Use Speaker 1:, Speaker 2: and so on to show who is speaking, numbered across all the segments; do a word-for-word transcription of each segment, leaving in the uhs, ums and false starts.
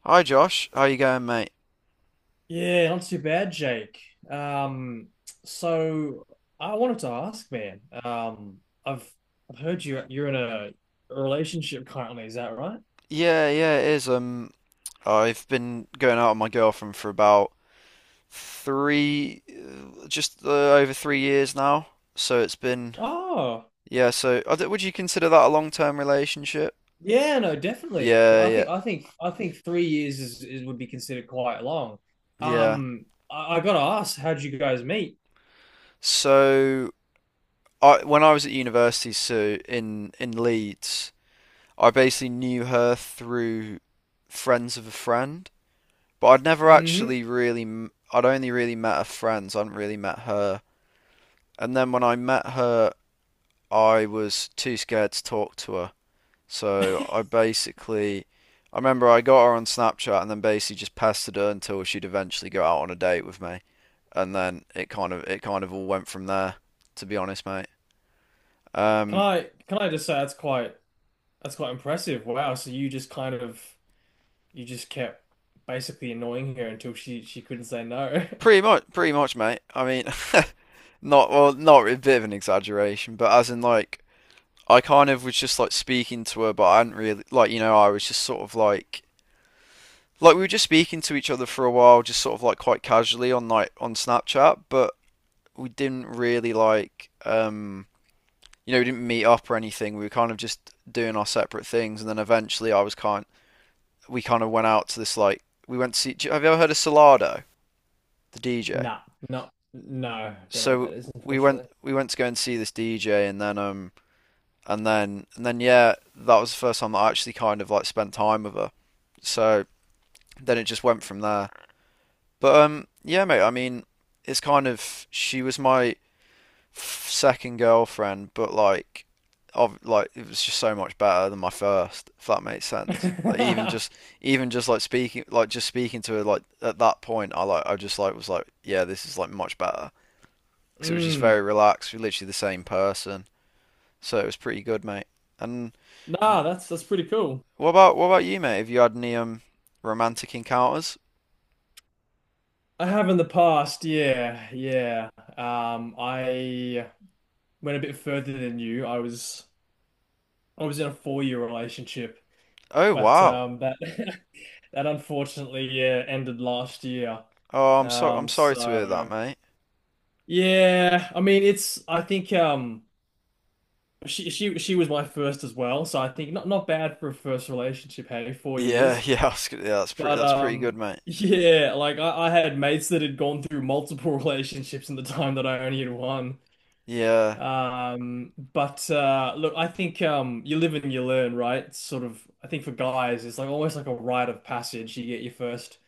Speaker 1: Hi Josh, how you going, mate?
Speaker 2: Yeah, not too bad, Jake. Um, so I wanted to ask, man. Um, I've I've heard you you're in a relationship currently, is that right?
Speaker 1: Yeah, yeah, it is. Um, I've been going out with my girlfriend for about three, uh, just uh, over three years now. So it's been,
Speaker 2: Oh,
Speaker 1: yeah. So I don't- would you consider that a long-term relationship?
Speaker 2: yeah, no, definitely.
Speaker 1: Yeah,
Speaker 2: I
Speaker 1: yeah,
Speaker 2: think I think I think three years is, is would be considered quite long.
Speaker 1: yeah.
Speaker 2: Um, I, I gotta ask, how'd you guys meet?
Speaker 1: So I, when I was at university, so in in Leeds, I basically knew her through friends of a friend, but I'd never
Speaker 2: hmm
Speaker 1: actually really, m- I'd only really met her friends. I hadn't really met her. And then when I met her, I was too scared to talk to her. So I basically, I remember I got her on Snapchat and then basically just pestered her until she'd eventually go out on a date with me. And then it kind of it kind of all went from there, to be honest, mate.
Speaker 2: Can
Speaker 1: Um,
Speaker 2: I can I just say that's quite that's quite impressive. Wow, so you just kind of you just kept basically annoying her until she she couldn't say no.
Speaker 1: Pretty much, pretty much, mate. I mean, not well, not a bit of an exaggeration, but as in like I kind of was just like speaking to her, but I hadn't really like you know I was just sort of like like we were just speaking to each other for a while, just sort of like quite casually on like on Snapchat, but we didn't really like um you know, we didn't meet up or anything. We were kind of just doing our separate things and then eventually I was kind we kind of went out to this like we went to see, have you ever heard of Solado, the D J?
Speaker 2: No, no, no. Don't know what
Speaker 1: So
Speaker 2: that is,
Speaker 1: we went
Speaker 2: unfortunately.
Speaker 1: we went to go and see this D J and then um and then and then yeah, that was the first time that I actually kind of like spent time with her. So then it just went from there. But um, yeah, mate. I mean, it's kind of she was my f- second girlfriend, but like, of like it was just so much better than my first. If that makes sense. Like even just even just like speaking like just speaking to her like at that point, I like I just like was like yeah, this is like much better because it was just
Speaker 2: Mm.
Speaker 1: very relaxed. We're literally the same person, so it was pretty good, mate. And
Speaker 2: Nah, that's that's pretty cool.
Speaker 1: what about what about you, mate? Have you had any um romantic encounters?
Speaker 2: I have in the past, yeah, yeah. Um, I went a bit further than you. I was I was in a four-year relationship,
Speaker 1: Oh
Speaker 2: but
Speaker 1: wow.
Speaker 2: um, that that unfortunately, yeah, ended last year.
Speaker 1: Oh, I'm so I'm
Speaker 2: Um,
Speaker 1: sorry to hear that,
Speaker 2: so
Speaker 1: mate.
Speaker 2: yeah, I mean, it's I think um she she she was my first as well, so I think not not bad for a first relationship. Hey, four
Speaker 1: Yeah,
Speaker 2: years.
Speaker 1: yeah, I was gonna- yeah, that's pretty
Speaker 2: But
Speaker 1: that's pretty good,
Speaker 2: um
Speaker 1: mate.
Speaker 2: yeah, like I, I had mates that had gone through multiple relationships in the time that I only had one.
Speaker 1: Yeah.
Speaker 2: Um but uh look, I think um you live and you learn, right? It's sort of I think for guys it's like almost like a rite of passage. You get your first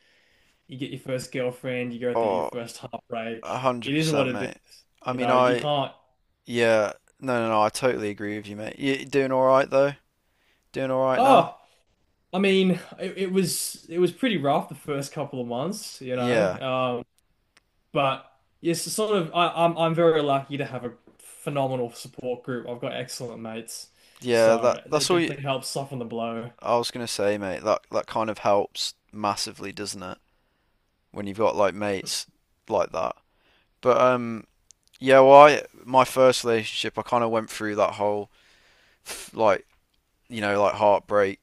Speaker 2: you get your first girlfriend, you go through your
Speaker 1: Oh,
Speaker 2: first heartbreak.
Speaker 1: a hundred
Speaker 2: It is what
Speaker 1: percent,
Speaker 2: it
Speaker 1: mate.
Speaker 2: is.
Speaker 1: I
Speaker 2: You
Speaker 1: mean,
Speaker 2: know, you
Speaker 1: I
Speaker 2: can't.
Speaker 1: yeah, no, no, no, I totally agree with you, mate. You doing all right though? Doing all right now?
Speaker 2: Oh, I mean, it, it was it was pretty rough the first couple of months, you know.
Speaker 1: Yeah.
Speaker 2: Um, But yes, it's sort of I, I'm I'm very lucky to have a phenomenal support group. I've got excellent mates,
Speaker 1: Yeah, that
Speaker 2: so
Speaker 1: that's
Speaker 2: it
Speaker 1: all you,
Speaker 2: definitely helps soften the blow.
Speaker 1: I was gonna say, mate. That that kind of helps massively, doesn't it? When you've got like mates like that. But um yeah, well, I my first relationship, I kind of went through that whole like, you know, like heartbreak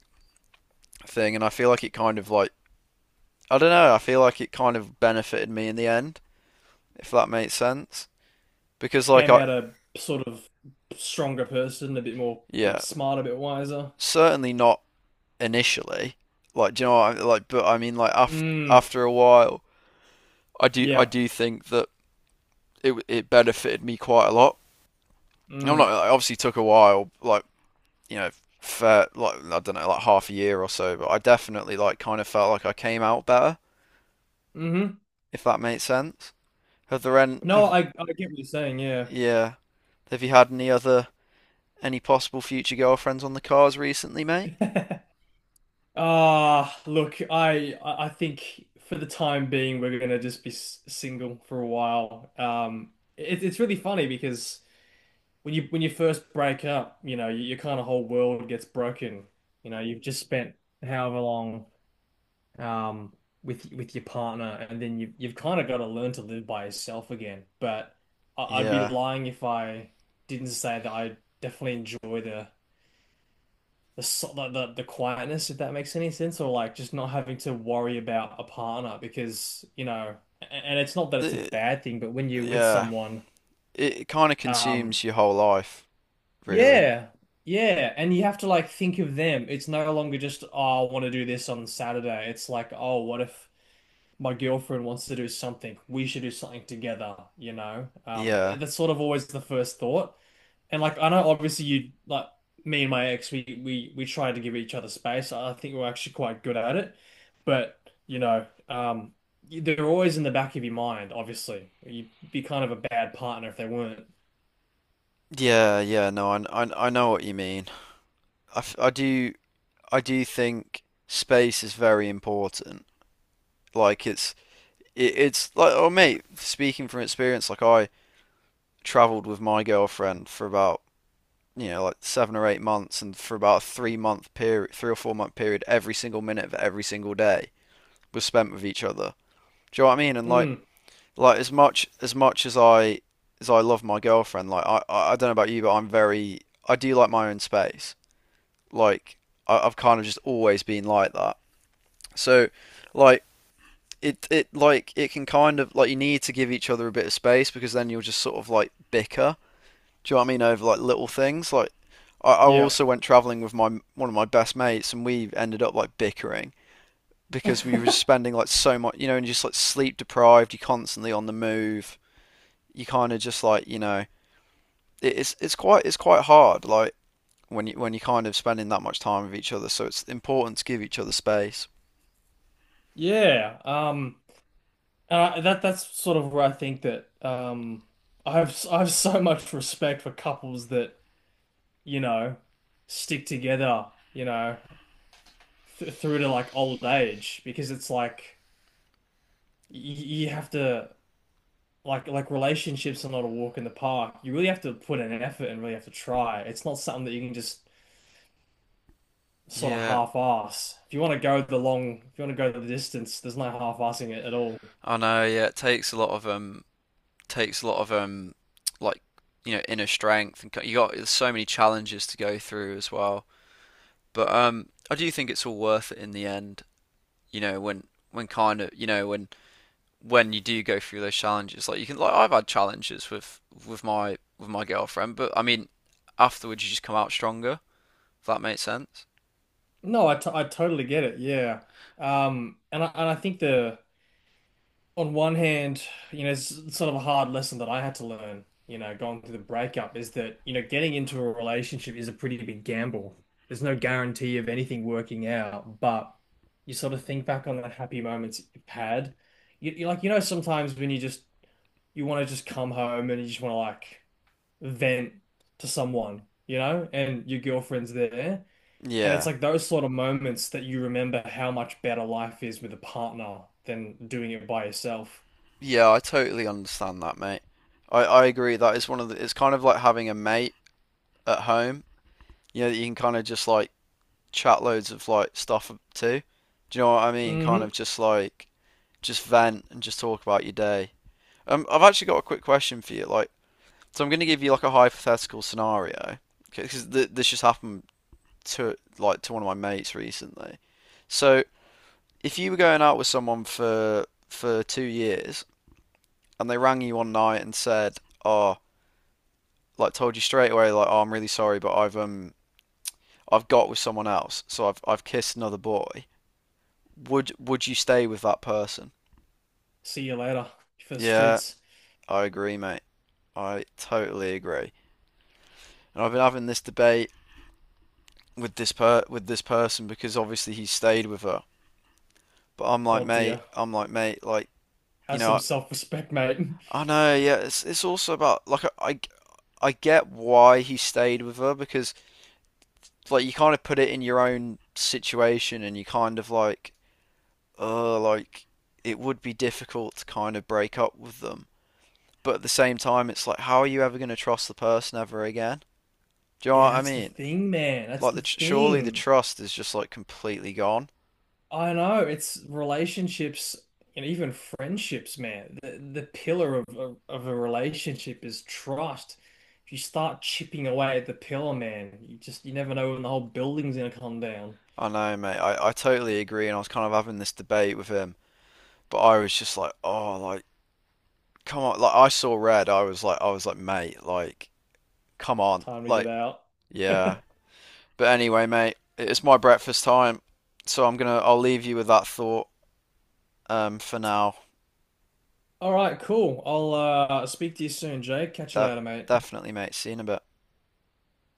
Speaker 1: thing and I feel like it kind of like I don't know. I feel like it kind of benefited me in the end, if that makes sense. Because like
Speaker 2: Came
Speaker 1: I,
Speaker 2: out a sort of stronger person, a bit more, bit
Speaker 1: yeah,
Speaker 2: smarter, a bit wiser.
Speaker 1: certainly not initially. Like, do you know what? I, like, but I mean, like after
Speaker 2: Mm,
Speaker 1: after a while, I do I
Speaker 2: yeah.
Speaker 1: do think that it it benefited me quite a lot. I'm
Speaker 2: Mm,
Speaker 1: not. It obviously took a while, like you know, fair, like I don't know, like half a year or so. But I definitely like kind of felt like I came out better,
Speaker 2: hmm.
Speaker 1: if that makes sense. Have there any?
Speaker 2: No,
Speaker 1: Have,
Speaker 2: I I get what you're saying. Yeah.
Speaker 1: yeah. Have you had any other Any possible future girlfriends on the cars recently, mate?
Speaker 2: Ah, look, I I I think for the time being we're gonna just be s- single for a while. Um, it, it's really funny because when you when you first break up, you know, your, kind of whole world gets broken. You know, you've just spent however long um with with your partner, and then you you've kind of got to learn to live by yourself again. But I, I'd be
Speaker 1: Yeah.
Speaker 2: lying if I didn't say that I definitely enjoy the the so- the the the quietness, if that makes any sense, or like just not having to worry about a partner because, you know, a- and it's not that it's a
Speaker 1: Uh,
Speaker 2: bad thing, but when you're with
Speaker 1: yeah.
Speaker 2: someone.
Speaker 1: It kind of
Speaker 2: Um,
Speaker 1: consumes your whole life, really.
Speaker 2: Yeah, yeah, and you have to like think of them. It's no longer just, oh, I want to do this on Saturday. It's like, oh, what if my girlfriend wants to do something? We should do something together, you know? Um,
Speaker 1: Yeah.
Speaker 2: that's sort of always the first thought. And like, I know obviously you like me and my ex, we we we try to give each other space. I think we're actually quite good at it, but you know, um, they're always in the back of your mind. Obviously, you'd be kind of a bad partner if they weren't.
Speaker 1: Yeah, yeah, no, I, I, I know what you mean. I, I do I do think space is very important. Like it's it, it's like oh mate, speaking from experience, like I traveled with my girlfriend for about you know like seven or eight months, and for about a three month period, three or four month period, every single minute of every single day was spent with each other. Do you know what I mean? And like,
Speaker 2: Mm,
Speaker 1: like as much as much as I as I love my girlfriend, like I I don't know about you, but I'm very I do like my own space. Like I, I've kind of just always been like that. So like it it like it can kind of like you need to give each other a bit of space because then you'll just sort of like bicker. Do you know what I mean? Over like little things. Like I, I
Speaker 2: yeah.
Speaker 1: also went traveling with my one of my best mates and we ended up like bickering because we were just spending like so much, you know, and just like sleep deprived, you're constantly on the move, you kind of just like, you know, it's it's quite it's quite hard like when you when you're kind of spending that much time with each other, so it's important to give each other space.
Speaker 2: Yeah, um, and I, that that's sort of where I think that um, I have s- I have so much respect for couples that you know stick together, you know, th through to like old age because it's like y you have to like like relationships are not a walk in the park. You really have to put in an effort and really have to try. It's not something that you can just sort of
Speaker 1: Yeah,
Speaker 2: half-ass. If you want to go the long, if you want to go the distance, there's no half-assing it at all.
Speaker 1: I know. Yeah, it takes a lot of um, takes a lot of um, like you know, inner strength, and you got there's so many challenges to go through as well. But um, I do think it's all worth it in the end. You know, when when kind of you know when when you do go through those challenges, like you can like I've had challenges with with my with my girlfriend, but I mean afterwards you just come out stronger, if that makes sense.
Speaker 2: No, I, t I totally get it. Yeah. Um, and I, and I think the on one hand, you know, it's sort of a hard lesson that I had to learn, you know, going through the breakup is that, you know, getting into a relationship is a pretty big gamble. There's no guarantee of anything working out, but you sort of think back on the happy moments you've had. You, you like, you know, sometimes when you just you want to just come home and you just want to like vent to someone, you know, and your girlfriend's there. And it's
Speaker 1: Yeah.
Speaker 2: like those sort of moments that you remember how much better life is with a partner than doing it by yourself.
Speaker 1: Yeah, I totally understand that, mate. I, I agree. That is one of the, it's kind of like having a mate at home, you know, that you can kind of just like chat loads of like stuff to. Do you know what I mean? Kind of
Speaker 2: hmm.
Speaker 1: just like, just vent and just talk about your day. Um, I've actually got a quick question for you. Like, so I'm going to give you like a hypothetical scenario because th this just happened to like to one of my mates recently. So if you were going out with someone for for two years and they rang you one night and said, "Oh, like told you straight away, like, oh, I'm really sorry, but I've um I've got with someone else, so I've I've kissed another boy," would would you stay with that person?
Speaker 2: See you later for the
Speaker 1: Yeah,
Speaker 2: streets.
Speaker 1: I agree, mate. I totally agree. And I've been having this debate with this per with this person because obviously he stayed with her. But I'm like,
Speaker 2: Oh
Speaker 1: mate,
Speaker 2: dear.
Speaker 1: I'm like, mate, like, you
Speaker 2: Have some
Speaker 1: know,
Speaker 2: self-respect, mate.
Speaker 1: I know, yeah. It's it's also about like I I get why he stayed with her because like you kind of put it in your own situation and you kind of like uh like it would be difficult to kind of break up with them. But at the same time, it's like how are you ever going to trust the person ever again? Do you know what
Speaker 2: Yeah,
Speaker 1: I
Speaker 2: that's the
Speaker 1: mean?
Speaker 2: thing, man. That's
Speaker 1: Like
Speaker 2: the
Speaker 1: the tr- surely the
Speaker 2: thing.
Speaker 1: trust is just like completely gone.
Speaker 2: I know it's relationships and even friendships, man. The the pillar of, of of a relationship is trust. If you start chipping away at the pillar, man, you just you never know when the whole building's gonna come down.
Speaker 1: I know, mate. I I totally agree, and I was kind of having this debate with him, but I was just like, oh, like come on, like I saw red. I was like, I was like, mate, like come on,
Speaker 2: Time to get
Speaker 1: like
Speaker 2: out.
Speaker 1: yeah. But anyway, mate, it's my breakfast time, so I'm gonna I'll leave you with that thought um for now.
Speaker 2: All right, cool. I'll uh, speak to you soon, Jake. Catch you
Speaker 1: De-
Speaker 2: later, mate.
Speaker 1: Definitely, mate. See you in a bit.